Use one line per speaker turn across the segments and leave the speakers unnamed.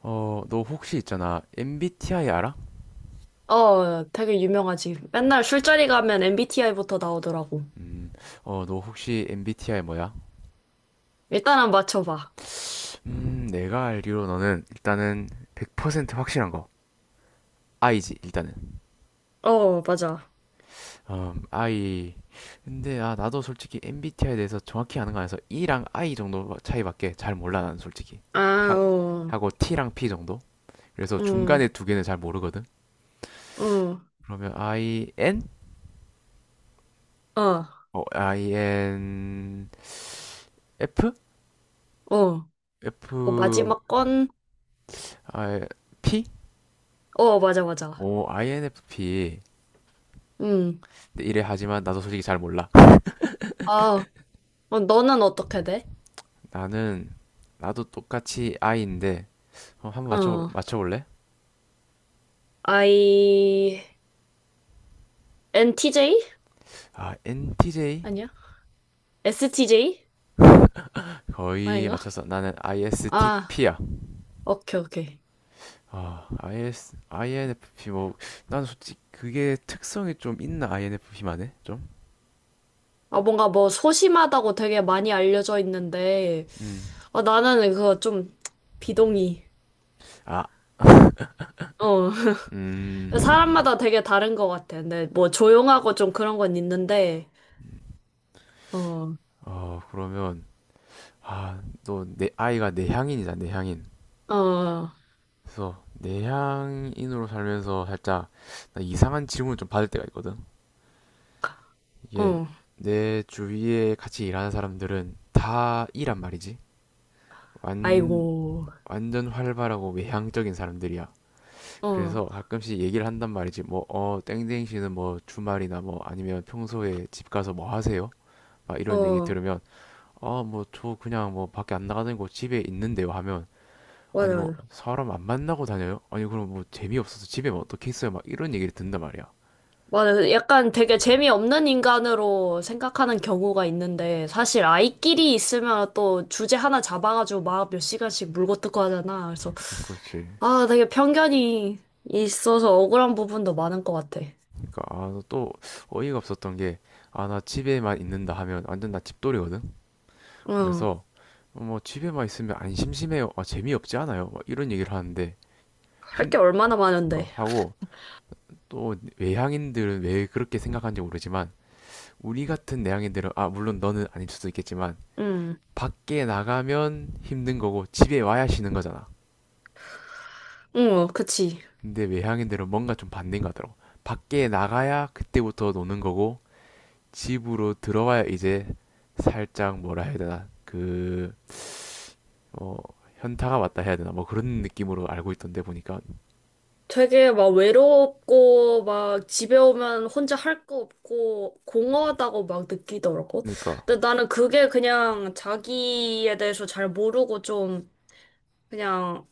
너 혹시 있잖아. MBTI 알아?
되게 유명하지. 맨날
그렇지.
술자리 가면 MBTI부터 나오더라고.
음, 너 혹시 MBTI 뭐야?
일단은 맞춰봐.
내가 알기로 너는 일단은 100% 확실한 거. I지, 일단은.
어, 맞아.
I. 근데 나도 솔직히 MBTI에 대해서 정확히 아는 거 아니라서 E랑 I 정도 차이밖에 잘 몰라, 나는 솔직히.
아,
하,
어,
하고 T랑 P 정도? 그래서 중간에
음,
두 개는 잘 모르거든.
어,
그러면 IN?
어,
INF?
어.
F?
그 마지막 건,
아, P?
어, 맞아, 맞아.
INFP.
음,
근데 이래 하지만 나도 솔직히 잘 몰라.
아, 너는 어떻게 돼?
나는 나도 똑같이 I인데 한번
어,
맞춰볼래?
I, NTJ?
NTJ?
아니야? STJ?
거의
아닌가?
맞췄어. 나는
아,
ISTP야.
오케이, 오케이.
INFP 뭐 나는 솔직히 그게 특성이 좀 있나 INFP만에 좀?
뭔가 뭐 소심하다고 되게 많이 알려져 있는데,
음.
나는 그거 좀 비동의.
아,
어,
음.
사람마다 되게 다른 것 같아. 근데 뭐 조용하고 좀 그런 건 있는데, 어,
그러면 너 내 아이가 내향인이잖아, 내향인.
어, 어,
그래서 내향인으로 살면서 살짝 나 이상한 질문을 좀 받을 때가 있거든. 이게 내 주위에 같이 일하는 사람들은 다 이란 말이지. 완
아이고,
완전 활발하고 외향적인 사람들이야.
어,
그래서 가끔씩 얘기를 한단 말이지. 땡땡 씨는 뭐 주말이나 뭐 아니면 평소에 집 가서 뭐 하세요? 막 이런 얘기
어,
들으면, 뭐 저 그냥 뭐 밖에 안 나가는 거 집에 있는데요 하면, 아니
맞아,
뭐
맞아.
사람 안 만나고 다녀요? 아니 그럼 뭐 재미없어서 집에 뭐 어떻게 있어요? 막 이런 얘기를 듣는단 말이야.
맞아. 약간 되게 재미없는 인간으로 생각하는 경우가 있는데, 사실 아이끼리 있으면 또 주제 하나 잡아가지고 막 몇 시간씩 물고 뜯고 하잖아. 그래서,
그렇지.
아, 되게 편견이 있어서 억울한 부분도 많은 것 같아.
그러니까 또 어이가 없었던 게 나 집에만 있는다 하면 완전 나 집돌이거든.
어,
그래서 뭐 집에만 있으면 안 심심해요. 재미없지 않아요. 막 이런 얘기를 하는데
할
힘
게 얼마나 많은데.
그러니까 하고 또 외향인들은 왜 그렇게 생각하는지 모르지만 우리 같은 내향인들은 물론 너는 아닐 수도 있겠지만
응,
밖에 나가면 힘든 거고 집에 와야 쉬는 거잖아.
응, 어, 그치.
근데 외향인들은 뭔가 좀 반대인 거 같더라고. 밖에 나가야 그때부터 노는 거고 집으로 들어와야 이제 살짝 뭐라 해야 되나 어, 현타가 왔다 해야 되나 뭐 그런 느낌으로 알고 있던데 보니까
되게 막 외롭고 막 집에 오면 혼자 할 거 없고 공허하다고 막 느끼더라고.
그러니까
근데 나는 그게 그냥 자기에 대해서 잘 모르고 좀 그냥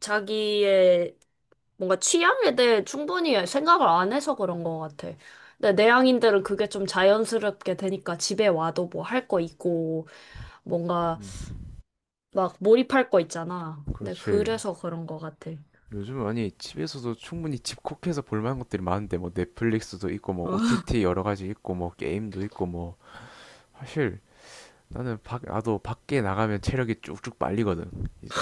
자기의 뭔가 취향에 대해 충분히 생각을 안 해서 그런 것 같아. 근데 내향인들은 그게 좀 자연스럽게 되니까 집에 와도 뭐 할 거 있고 뭔가
음,
막 몰입할 거 있잖아. 근데
그렇지.
그래서 그런 것 같아.
요즘 아니 집에서도 충분히 집콕해서 볼만한 것들이 많은데 뭐 넷플릭스도 있고 뭐 OTT 여러 가지 있고 뭐 게임도 있고 뭐 사실 나는 밖 나도 밖에 나가면 체력이 쭉쭉 빨리거든. 이제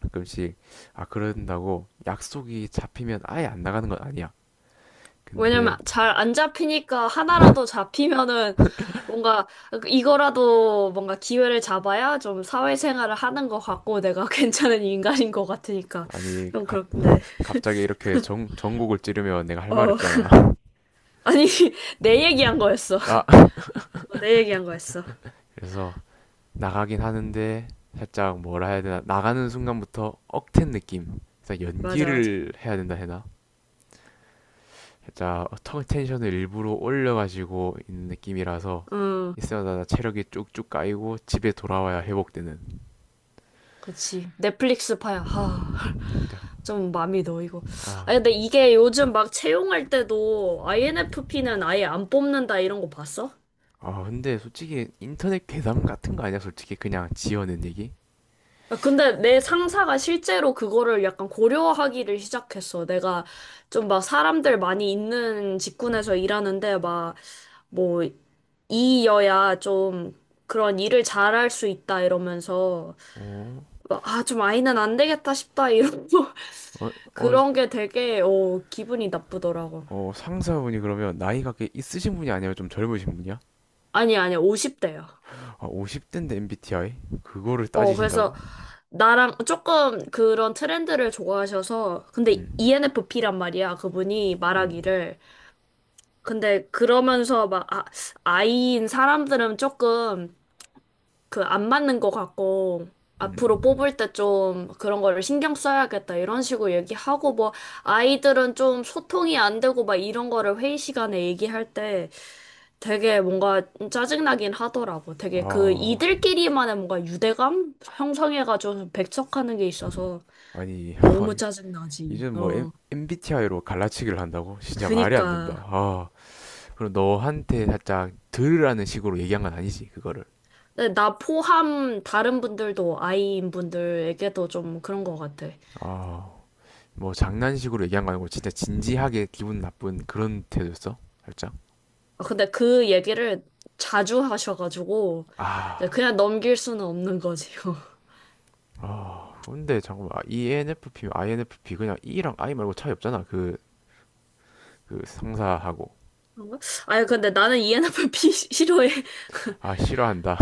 가끔씩, 아 그런다고 약속이 잡히면 아예 안 나가는 건 아니야.
왜냐면
근데
잘 안 잡히니까 하나라도 잡히면은 뭔가 이거라도 뭔가 기회를 잡아야 좀 사회생활을 하는 것 같고 내가 괜찮은 인간인 것 같으니까
아니
좀
가,
그렇던데.
갑자기 이렇게 전곡을 찌르면 내가 할 말이
어.
없잖아.
아니, 내 얘기한 거였어.
아,
내 얘기한 거였어.
그래서 나가긴 하는데 살짝 뭐라 해야 되나, 나가는 순간부터 억텐 느낌. 그래서
맞아, 맞아.
연기를 해야 된다 해나? 살짝 턱 텐션을 일부러 올려가지고 있는 느낌이라서
응,
있어야 체력이 쭉쭉 까이고 집에 돌아와야 회복되는.
그치. 넷플릭스 파야. 하.
진짜.
좀 마음이 놓이고.
아,
아니, 근데 이게 요즘 막 채용할 때도 INFP는 아예 안 뽑는다 이런 거 봤어?
아 근데 솔직히 인터넷 괴담 같은 거 아니야? 솔직히 그냥 지어낸 얘기?
근데 내 상사가 실제로 그거를 약간 고려하기를 시작했어. 내가 좀 막 사람들 많이 있는
음.
직군에서 일하는데 막 뭐 이여야 좀 그런 일을 잘할 수 있다 이러면서
어,
막, 좀 아이는 안 되겠다 싶다 이러고
어, 어,
그런 게 되게 기분이 나쁘더라고.
상사분이 그러면 나이가 꽤 있으신 분이 아니라 좀 젊으신 분이야?
아니 아니 50대야.
아, 50대인데 MBTI? 그거를 따지신다고?
그래서 나랑 조금 그런 트렌드를 좋아하셔서 근데
음,
ENFP란 말이야. 그분이
음,
말하기를 근데 그러면서 막 아, 아이인 사람들은 조금 그 안 맞는 것 같고 앞으로
음.
뽑을 때 좀 그런 거를 신경 써야겠다 이런 식으로 얘기하고 뭐 아이들은 좀 소통이 안 되고 막 이런 거를 회의 시간에 얘기할 때 되게 뭔가 짜증나긴 하더라고. 되게 그
아,
이들끼리만의 뭔가 유대감 형성해가지고 배척하는 게 있어서
아니,
너무 짜증나지.
이젠 뭐
어.
MBTI로 갈라치기를 한다고? 진짜 말이 안 된다.
그니까.
그럼 너한테 살짝 들으라는 식으로 얘기한 건 아니지, 그거를.
네, 나 포함 다른 분들도 아이인 분들에게도 좀 그런 것 같아.
아, 뭐 장난식으로 얘기한 거 아니고 진짜 진지하게 기분 나쁜 그런 태도였어? 살짝?
근데 그 얘기를 자주 하셔가지고 이제
아,
그냥 넘길 수는 없는 거지요.
근데 잠깐만. 아, ENFP, INFP 그냥 E랑 I 말고 차이 없잖아. 그 상사하고.
그런가? 아니 근데 나는 ENFP 싫어해.
싫어한다.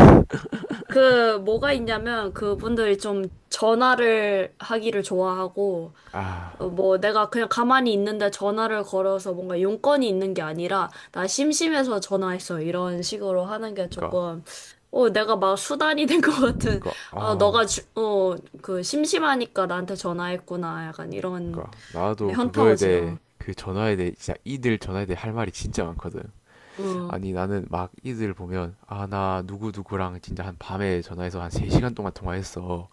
그 뭐가 있냐면 그분들이 좀 전화를 하기를 좋아하고
아,
뭐 내가 그냥 가만히 있는데 전화를 걸어서 뭔가 용건이 있는 게 아니라 나 심심해서 전화했어 이런 식으로 하는 게
그니까,
조금 내가 막 수단이 된 것 같은
그니까,
아 너가
아,
주, 어, 그 심심하니까 나한테 전화했구나 약간 이런
그니까 나도 그거에
현타오지
대해
어.
그 전화에 대해 진짜 이들 전화에 대해 할 말이 진짜 많거든.
어.
아니 나는 막 이들 보면 나 누구 누구랑 진짜 한 밤에 전화해서 한 3시간 동안 통화했어.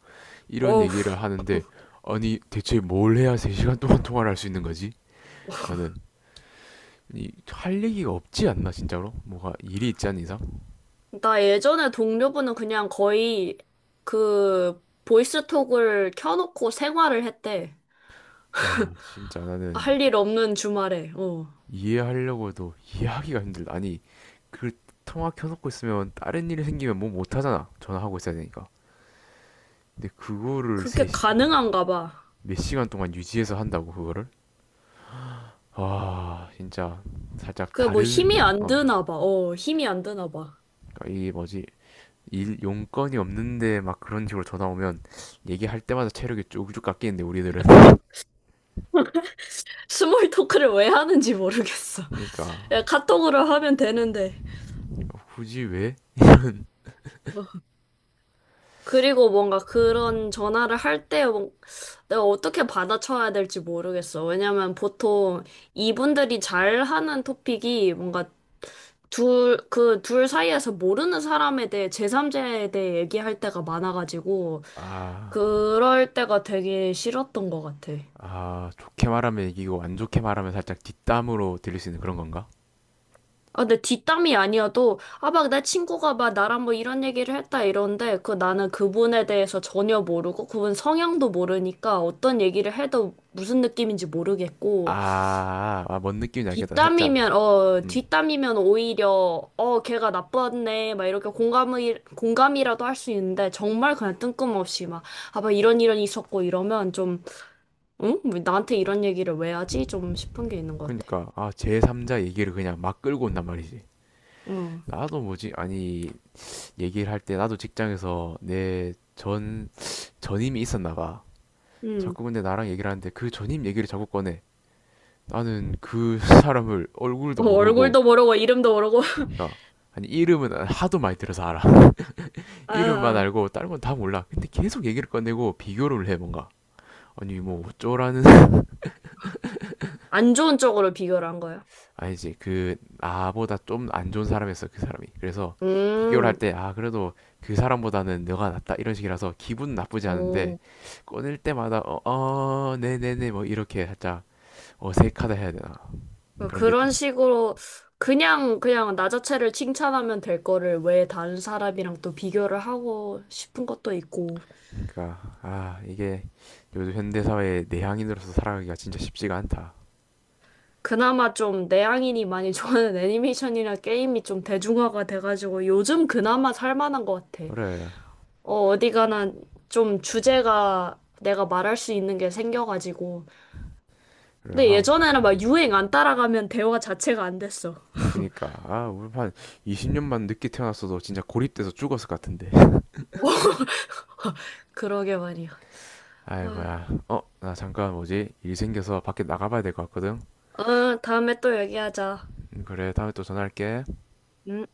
이런
어우
얘기를 하는데 아니 대체 뭘 해야 3시간 동안 통화를 할 수 있는 거지? 라는 할 얘기가 없지 않나 진짜로? 뭐가 일이 있지 않은 이상?
나 예전에 동료분은 그냥 거의 그 보이스톡을 켜놓고 생활을 했대
와 진짜 나는
할 일 없는 주말에 어
이해하려고도 이해하기가 힘들다. 아니 그 통화 켜놓고 있으면 다른 일이 생기면 뭐 못하잖아. 전화하고 있어야 되니까. 근데 그거를
그게 가능한가 봐.
몇 시간 동안 유지해서 한다고 그거를? 와 진짜 살짝
그 뭐 힘이 안 드나 봐. 힘이 안 드나 봐.
그러니까 이 뭐지, 일 용건이 없는데 막 그런 식으로 전화 오면 얘기할 때마다 체력이 쭉쭉 깎이는데 우리들은
스몰 토크를 왜 하는지 모르겠어.
그러니까
야, 카톡으로 하면 되는데.
뭐 굳이 왜?
뭐. 그리고 뭔가 그런 전화를 할 때 내가 어떻게 받아쳐야 될지 모르겠어. 왜냐면 보통 이분들이 잘 하는 토픽이 뭔가 그 둘 사이에서 모르는 사람에 대해, 제3자에 대해 얘기할 때가 많아가지고,
아
그럴 때가 되게 싫었던 것 같아.
좋게 말하면 이기고 안 좋게 말하면 살짝 뒷담으로 들릴 수 있는 그런 건가?
근데 뒷담이 아니어도, 막 내 친구가 막 나랑 뭐 이런 얘기를 했다 이러는데, 그 나는 그분에 대해서 전혀 모르고, 그분 성향도 모르니까 어떤 얘기를 해도 무슨 느낌인지 모르겠고,
뭔 느낌인지 알겠다. 살짝.
뒷담이면, 어,
음.
뒷담이면 오히려, 걔가 나빴네, 막 이렇게 공감이라도 할 수 있는데, 정말 그냥 뜬금없이 막, 막 이런 있었고 이러면 좀, 응? 왜 나한테 이런 얘기를 왜 하지? 좀 싶은 게 있는 것 같아.
그러니까 제3자 얘기를 그냥 막 끌고 온단 말이지.
어.
나도 뭐지? 아니, 얘기를 할 때 나도 직장에서 내 전 전임이 있었나 봐.
음.
자꾸 근데 나랑 얘기를 하는데 그 전임 얘기를 자꾸 꺼내. 나는 그 사람을 얼굴도 모르고
얼굴도 모르고, 이름도 모르고.
그러니까 아니 이름은 하도 많이 들어서 알아.
아.
이름만
아.
알고 다른 건 다 몰라. 근데 계속 얘기를 꺼내고 비교를 해 뭔가. 아니 뭐 어쩌라는.
안 좋은 쪽으로 비교를 한 거예요.
아니지, 그 나보다 좀 안 좋은 사람이었어 그 사람이. 그래서 비교를 할
음,
때 아 그래도 그 사람보다는 너가 낫다 이런 식이라서 기분 나쁘지 않은데
오.
꺼낼 때마다 네네네 뭐 이렇게 살짝 어색하다 해야 되나 그런 게 좀.
그런 식으로 그냥 나 자체를 칭찬하면 될 거를 왜 다른 사람이랑 또 비교를 하고 싶은 것도 있고
그러니까 아 이게 요즘 현대사회의 내향인으로서 살아가기가 진짜 쉽지가 않다.
그나마 좀 내향인이 많이 좋아하는 애니메이션이나 게임이 좀 대중화가 돼가지고 요즘 그나마 살만한 것 같아.
그래
어디 가나 좀 주제가 내가 말할 수 있는 게 생겨가지고
그래
근데
하
예전에는 막 유행 안 따라가면 대화 자체가 안 됐어.
그러니까 아 우리 한 20년만 늦게 태어났어도 진짜 고립돼서 죽었을 것 같은데.
그러게 말이야. 아.
아이고야. 나 잠깐 뭐지? 일 생겨서 밖에 나가봐야 될 것 같거든.
다음에 또 얘기하자.
그래, 다음에 또 전화할게.
음.